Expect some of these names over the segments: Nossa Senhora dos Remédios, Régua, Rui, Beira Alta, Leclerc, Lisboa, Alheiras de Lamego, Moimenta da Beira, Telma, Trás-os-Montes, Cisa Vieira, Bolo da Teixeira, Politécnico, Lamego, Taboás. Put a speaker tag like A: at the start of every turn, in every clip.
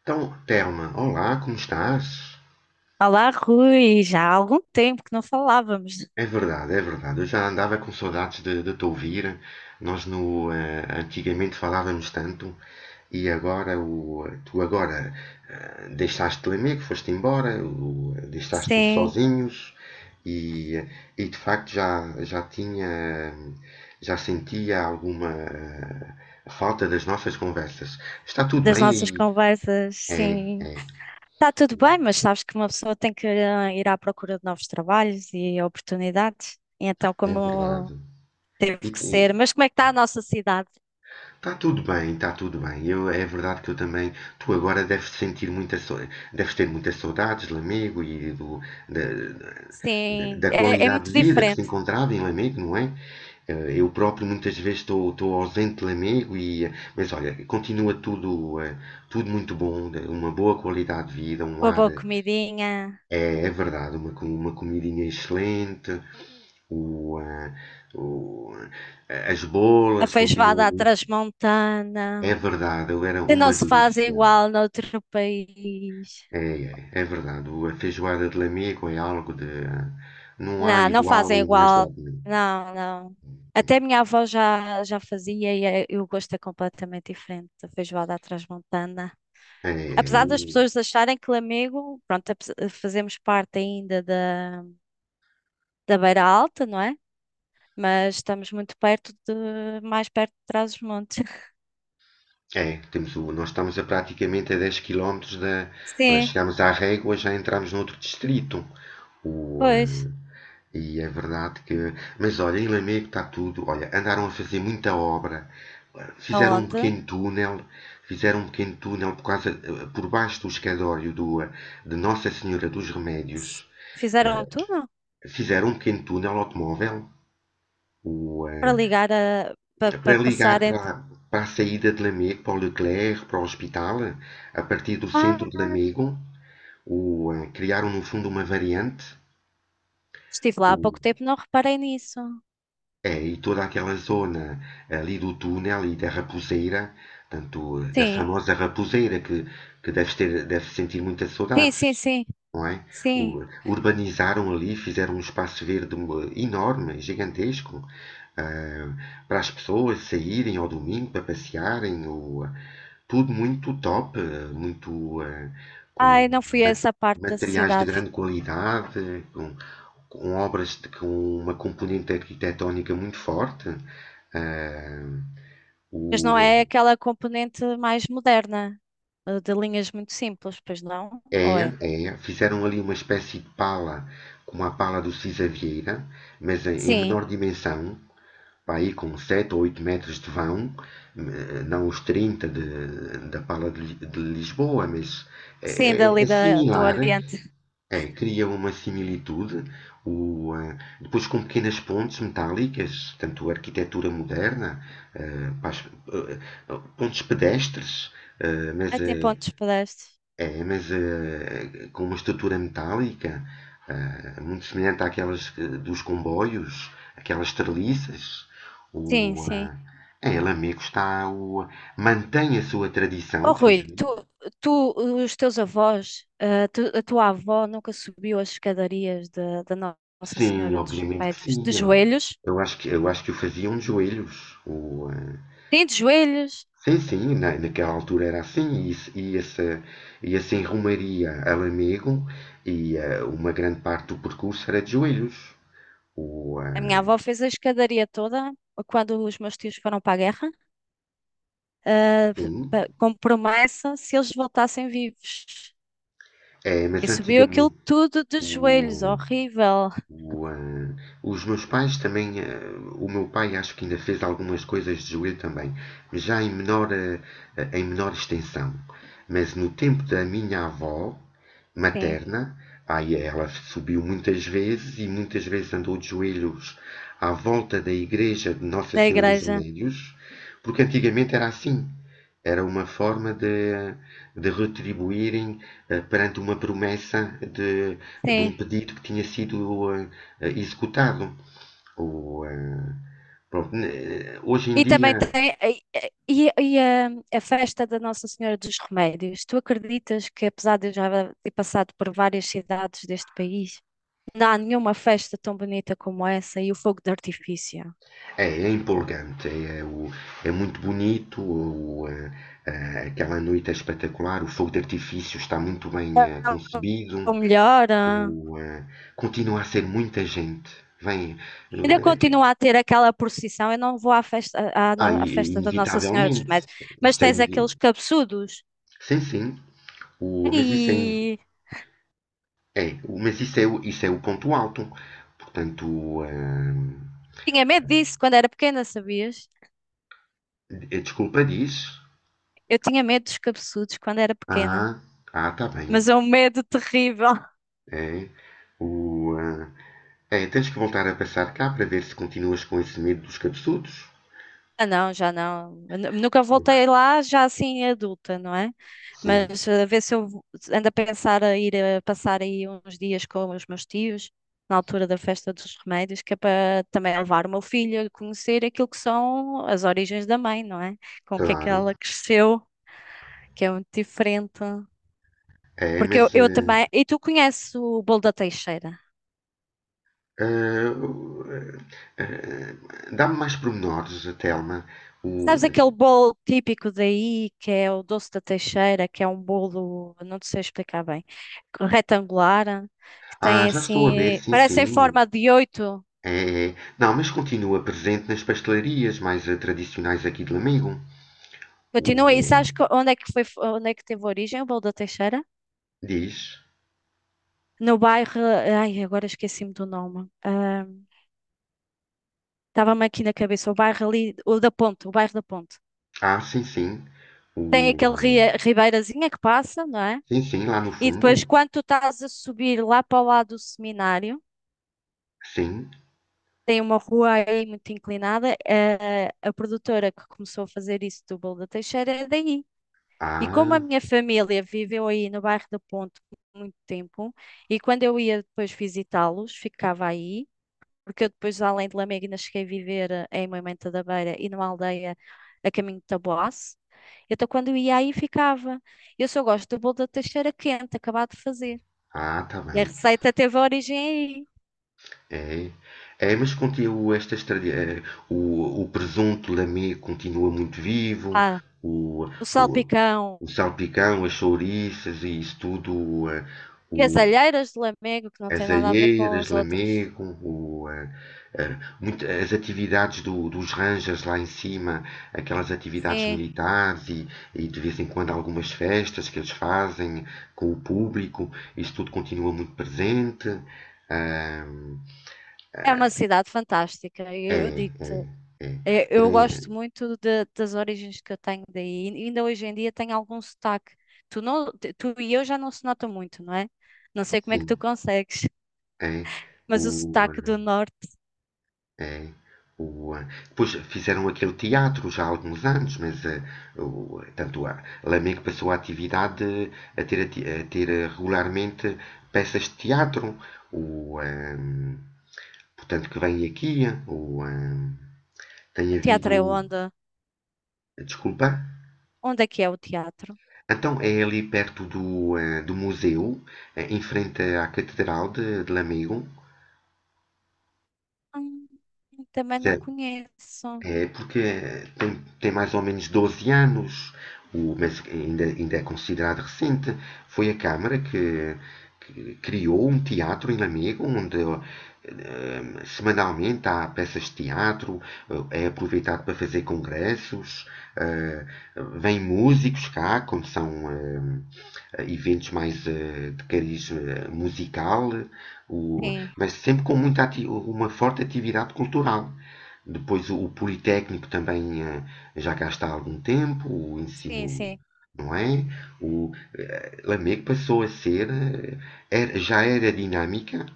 A: Então, Telma, olá, como estás?
B: Olá, Rui, já há algum tempo que não falávamos.
A: É verdade, é verdade. Eu já andava com saudades de te ouvir. Nós no, eh, Antigamente falávamos tanto e agora tu agora deixaste o amigo, foste embora, deixaste-nos
B: Sim,
A: sozinhos, e, e de facto já tinha, já sentia alguma falta das nossas conversas. Está tudo
B: das
A: bem
B: nossas
A: aí?
B: conversas,
A: É,
B: sim.
A: é,
B: Está tudo bem, mas sabes que uma pessoa tem que ir à procura de novos trabalhos e oportunidades. E então,
A: é
B: como
A: verdade.
B: teve que ser,
A: E,
B: mas como é que está a nossa cidade?
A: Está tudo bem, está tudo bem. É verdade que eu também. Tu agora deves sentir muita. Deves ter muitas saudades de Lamego e da,
B: Sim,
A: da
B: é, é
A: qualidade
B: muito
A: de vida que se
B: diferente,
A: encontrava em Lamego, não é? Eu próprio muitas vezes estou ausente de Lamego Mas olha, continua tudo, tudo muito bom, uma boa qualidade de vida, um
B: com a
A: ar.
B: boa comidinha,
A: É, é verdade, uma comidinha excelente, o, eh, o- as
B: a
A: bolas continuam.
B: feijoada à transmontana,
A: É verdade, eu era
B: que não
A: uma
B: se faz
A: delícia.
B: igual noutro país.
A: É, é, é verdade. A feijoada de Lamego é algo de. Não há
B: Não, não
A: igual
B: fazem
A: e mais
B: igual.
A: nada.
B: Não, não. Até minha avó já fazia e o gosto é completamente diferente da feijoada à transmontana.
A: É.
B: Apesar das pessoas acharem que Lamego, pronto, fazemos parte ainda da Beira Alta, não é? Mas estamos muito perto de, mais perto de Trás-os-Montes.
A: É, temos nós estamos a praticamente a 10 quilómetros da.
B: Sim,
A: Chegámos à Régua, já entramos noutro distrito. O, ah,
B: pois.
A: e é verdade que. Mas olha, em Lamego está tudo. Olha, andaram a fazer muita obra. Fizeram um
B: Aonde?
A: pequeno túnel. Fizeram um pequeno túnel por baixo do escadório de Nossa Senhora dos
B: S-
A: Remédios.
B: Fizeram
A: Ah,
B: tudo túnel
A: Fizeram um pequeno túnel automóvel. O,
B: para
A: ah,
B: ligar a, para,
A: Para
B: para
A: ligar
B: passar entre.
A: para a saída de Lamego, para o Leclerc, para o hospital, a partir do
B: Ah,
A: centro de Lamego, criaram no fundo uma variante,
B: estive lá há pouco
A: o-
B: tempo, não reparei nisso.
A: é, e toda aquela zona ali do túnel e da raposeira, tanto da
B: Sim,
A: famosa raposeira que deves ter, deves sentir muita
B: sim,
A: saudade,
B: sim, sim.
A: não é?
B: Sim.
A: Urbanizaram ali, fizeram um espaço verde um, enorme, gigantesco, para as pessoas saírem ao domingo para passearem, tudo muito top, muito com
B: Ai, não fui a
A: ma-
B: essa parte da
A: materiais de
B: cidade.
A: grande qualidade, com obras de, com uma componente arquitetónica muito forte. Ah,
B: Mas não é
A: o,
B: aquela componente mais moderna, de linhas muito simples, pois não? Ou
A: É,
B: é?
A: é. Fizeram ali uma espécie de pala, como a pala do Cisa Vieira, mas em
B: Sim,
A: menor dimensão, para aí com 7 ou 8 metros de vão, não os 30 da pala de Lisboa, mas é,
B: sim, dali
A: é
B: da, do
A: similar,
B: Oriente.
A: é, cria uma similitude, depois com pequenas pontes metálicas, tanto arquitetura moderna, eh, para as- eh, eh, pontes pedestres, eh,
B: Ai,
A: mas
B: tem
A: eh,
B: pontos pedestres.
A: com uma estrutura metálica, muito semelhante àquelas dos comboios, aquelas treliças. O,
B: Sim, sim.
A: ah, É, Lamego mantém a sua tradição,
B: Oh, Rui, tu,
A: felizmente.
B: tu, os teus avós, a tua avó nunca subiu as escadarias da Nossa
A: Sim,
B: Senhora dos
A: obviamente que
B: Remédios? De
A: sim. Eu
B: joelhos?
A: eu acho que o faziam de joelhos.
B: Sim, de joelhos.
A: Sim, sim, naquela altura era assim. E, se- E essa, e assim rumaria a Lamego uma grande parte do percurso era de joelhos. O,
B: A minha
A: ah,
B: avó fez a escadaria toda quando os meus tios foram para a guerra. Ah,
A: sim.
B: como promessa se eles voltassem vivos.
A: É, mas
B: E subiu aquilo
A: antigamente
B: tudo de joelhos,
A: o,
B: horrível.
A: o, ah, os meus pais também, o meu pai acho que ainda fez algumas coisas de joelho também, mas já em menor extensão. Mas no tempo da minha avó
B: Sim,
A: materna, aí ela subiu muitas vezes e muitas vezes andou de joelhos à volta da igreja de Nossa
B: da
A: Senhora dos
B: igreja,
A: Remédios, porque antigamente era assim. Era uma forma de retribuírem perante uma promessa de
B: sim.
A: um pedido que tinha sido executado. O, eh, Pronto, né, hoje em
B: E também
A: dia
B: tem e, e a festa da Nossa Senhora dos Remédios. Tu acreditas que, apesar de eu já ter passado por várias cidades deste país, não há nenhuma festa tão bonita como essa e o fogo de artifício?
A: é empolgante, é muito bonito, aquela noite é espetacular, o fogo de artifício está muito bem
B: É
A: concebido,
B: o melhor. Ah.
A: o, eh, continua a ser muita gente. Vem,
B: Ainda
A: eh,
B: continua a ter aquela procissão. Eu não vou à festa,
A: ah,
B: à festa da Nossa Senhora dos
A: inevitavelmente,
B: Remédios, mas
A: isso é
B: tens
A: inevi-
B: aqueles cabeçudos.
A: sim, sim. Mas
B: E
A: isso é o ponto alto. Portanto,
B: tinha medo disso quando era pequena, sabias?
A: a desculpa diz.
B: Eu tinha medo dos cabeçudos quando era pequena,
A: Ah, tá bem.
B: mas é um medo terrível.
A: É. o, ah, É, tens que voltar a passar cá para ver se continuas com esse medo dos cabeçudos.
B: Ah, não, já não. Eu nunca voltei lá, já assim adulta, não é?
A: Sim,
B: Mas a ver se ando a pensar a ir a passar aí uns dias com os meus tios, na altura da festa dos remédios, que é para também levar o meu filho a conhecer aquilo que são as origens da mãe, não é? Com o que é que
A: claro.
B: ela cresceu, que é muito diferente.
A: É,
B: Porque
A: mas
B: eu também. E tu conheces o bolo da Teixeira?
A: eh, o- eh, dá-me mais pormenores, Telma. O,
B: Sabes aquele bolo típico daí, que é o doce da Teixeira, que é um bolo, não te sei explicar bem, retangular, que tem
A: Já estou a ver,
B: assim,
A: sim,
B: parece em
A: sim.
B: forma de oito.
A: É, é. Não, mas continua presente nas pastelarias mais tradicionais aqui de Lamego.
B: Continua, e
A: O, eh,
B: sabes onde é que foi, onde é que teve origem o bolo da Teixeira?
A: Diz.
B: No bairro, ai, agora esqueci-me do nome. Ah, estava-me aqui na cabeça, o bairro ali, o da Ponte, o bairro da Ponte.
A: Ah, sim, sim.
B: Tem
A: O,
B: aquele
A: eh,
B: ribeirazinha que passa, não é?
A: sim, sim, lá no
B: E
A: fundo.
B: depois, quando tu estás a subir lá para o lado do seminário,
A: Sim.
B: tem uma rua aí muito inclinada. A produtora que começou a fazer isso do Bolo da Teixeira é daí. E como a
A: Ah,
B: minha família viveu aí no bairro da Ponte por muito tempo, e quando eu ia depois visitá-los, ficava aí, porque eu depois, além de Lamegna, cheguei a viver em Moimenta da Beira e numa aldeia a caminho de Taboás. Então, quando eu ia aí, ficava. Eu só gosto do bolo da Teixeira quente, acabado de fazer.
A: tá
B: E a
A: bem.
B: receita teve origem aí.
A: É, é, mas continua estas o presunto lamego continua muito vivo.
B: Ah,
A: O,
B: o
A: o,
B: salpicão.
A: o salpicão, as chouriças e isso tudo.
B: E as
A: O,
B: Alheiras de Lamego, que não tem
A: As
B: nada a ver com
A: alheiras,
B: as outras.
A: Lamego, o, eh, eh, muito- as atividades dos Rangers lá em cima, aquelas atividades
B: Sim,
A: militares, e de vez em quando algumas festas que eles fazem com o público, isso tudo continua muito presente. Ahm,
B: é uma cidade fantástica. Eu
A: É,
B: digo-te,
A: é, é,
B: eu gosto
A: é,
B: muito das origens que eu tenho daí. E ainda hoje em dia tenho algum sotaque. Tu, não, tu e eu já não se nota muito, não é? Não sei como é que
A: sim,
B: tu consegues,
A: é.
B: mas o
A: O,
B: sotaque do norte.
A: É, depois fizeram aquele teatro já há alguns anos, tanto a Lamego passou a atividade a ter, regularmente peças de teatro. O, ah, Portanto, que vem aqui. Tem
B: O
A: havido.
B: teatro é onde?
A: Desculpa.
B: Onde é que é o teatro?
A: Então é ali perto do museu, em frente à Catedral de Lamego.
B: Hum, também não conheço.
A: É porque tem mais ou menos 12 anos, mas ainda é considerado recente. Foi a Câmara que criou um teatro em Lamego, onde semanalmente há peças de teatro, é aproveitado para fazer congressos, eh, vêm músicos cá, quando são eventos mais de cariz musical, o-
B: Sim,
A: mas sempre com muita uma forte atividade cultural. Depois o Politécnico também já cá está há algum tempo, o
B: sim,
A: ensino,
B: sim.
A: não é? Lamego passou a ser, já era dinâmica,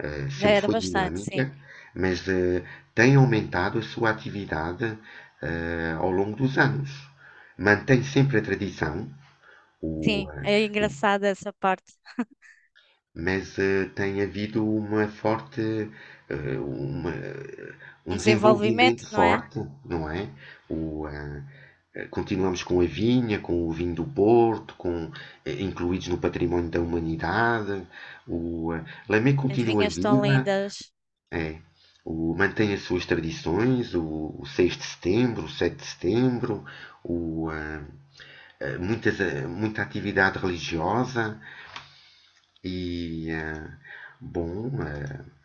B: Já
A: sempre
B: era
A: foi
B: bastante, sim.
A: dinâmica, mas tem aumentado a sua atividade ao longo dos anos. Mantém sempre a tradição, o,
B: Sim,
A: eh,
B: é engraçado essa parte.
A: mas tem havido uma forte, eh, uma- eh,
B: Um
A: um
B: desenvolvimento,
A: desenvolvimento
B: não é?
A: forte, não é? O, eh, Continuamos com a vinha, com o vinho do Porto, incluídos no património da humanidade. Lamé
B: As
A: continua
B: vinhas estão
A: viva,
B: lindas.
A: é, mantém as suas tradições, o 6 de setembro, o 7 de setembro, o, eh, eh, muitas, eh, muita atividade religiosa e, eh, bom,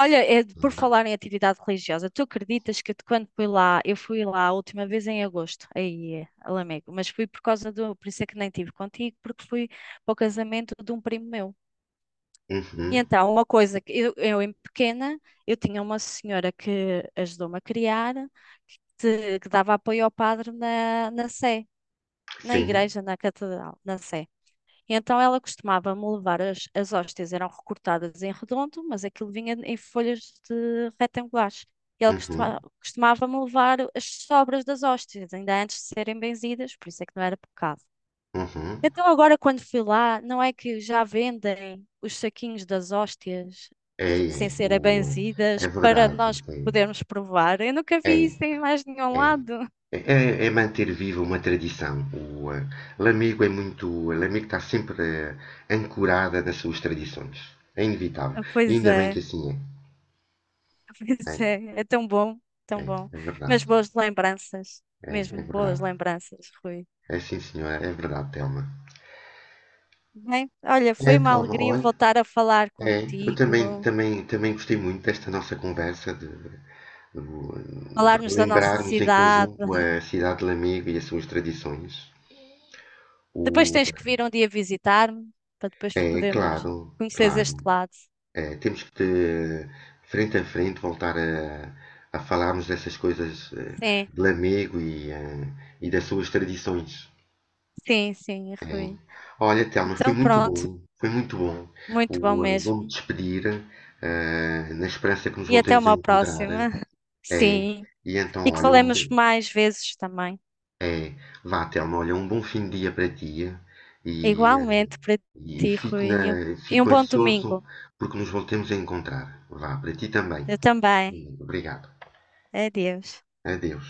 B: Olha, é, por falar em atividade religiosa, tu acreditas que de quando fui lá, eu fui lá a última vez em agosto, aí é, a Lamego, mas fui por causa do, por isso é que nem tive contigo, porque fui para o casamento de um primo meu. E
A: uhum,
B: então, uma coisa que eu em pequena, eu tinha uma senhora que ajudou-me a criar, que dava apoio ao padre na, na Sé, na
A: sim,
B: igreja, na catedral, na Sé. Então ela costumava-me levar as, as hóstias, eram recortadas em redondo, mas aquilo vinha em folhas de retangulares. E ela
A: uhum,
B: costumava-me levar as sobras das hóstias, ainda antes de serem benzidas, por isso é que não era pecado.
A: uhum,
B: Então agora quando fui lá, não é que já vendem os saquinhos das hóstias
A: é,
B: sem
A: é,
B: serem benzidas
A: é
B: para
A: verdade,
B: nós podermos provar? Eu nunca
A: é,
B: vi isso em mais nenhum
A: é,
B: lado.
A: é. É, é manter viva uma tradição. Lamego é muito. Lamego está sempre ancorada nas suas tradições. É inevitável.
B: Ah,
A: E
B: pois
A: ainda bem que
B: é.
A: assim
B: Pois
A: é.
B: é, é tão bom,
A: É,
B: tão
A: é,
B: bom.
A: é verdade.
B: Mas boas lembranças,
A: É, é
B: mesmo boas
A: verdade.
B: lembranças, Rui.
A: É sim, senhora. É verdade, Telma.
B: Bem, olha, foi
A: É,
B: uma
A: Telma,
B: alegria
A: olha.
B: voltar a falar
A: É, eu também,
B: contigo,
A: também gostei muito desta nossa conversa de
B: falarmos da nossa
A: relembrarmos em
B: cidade.
A: conjunto a cidade de Lamego e as suas tradições.
B: Depois
A: O,
B: tens que vir um dia visitar-me, para depois
A: É,
B: podermos
A: claro,
B: conhecer
A: claro.
B: este lado.
A: É, temos que, frente a frente, voltar a falarmos dessas coisas
B: Sim,
A: de Lamego e das suas tradições.
B: sim, sim,
A: Hein?
B: Rui.
A: Olha, Telmo, foi
B: Então
A: muito
B: pronto,
A: bom, foi muito bom.
B: muito bom
A: Vou-me
B: mesmo.
A: despedir, na esperança que nos
B: E até
A: voltemos a
B: uma
A: encontrar.
B: próxima.
A: É,
B: Sim,
A: e
B: e
A: então,
B: que
A: olha, um
B: falemos
A: bom,
B: mais vezes também.
A: é, vá, Telmo, olha, um bom fim de dia para ti e, eh,
B: Igualmente para
A: e
B: ti, Rui, e um
A: fico
B: bom
A: ansioso
B: domingo.
A: porque nos voltemos a encontrar. Vá, para ti também.
B: Eu também.
A: Obrigado.
B: Adeus.
A: Adeus.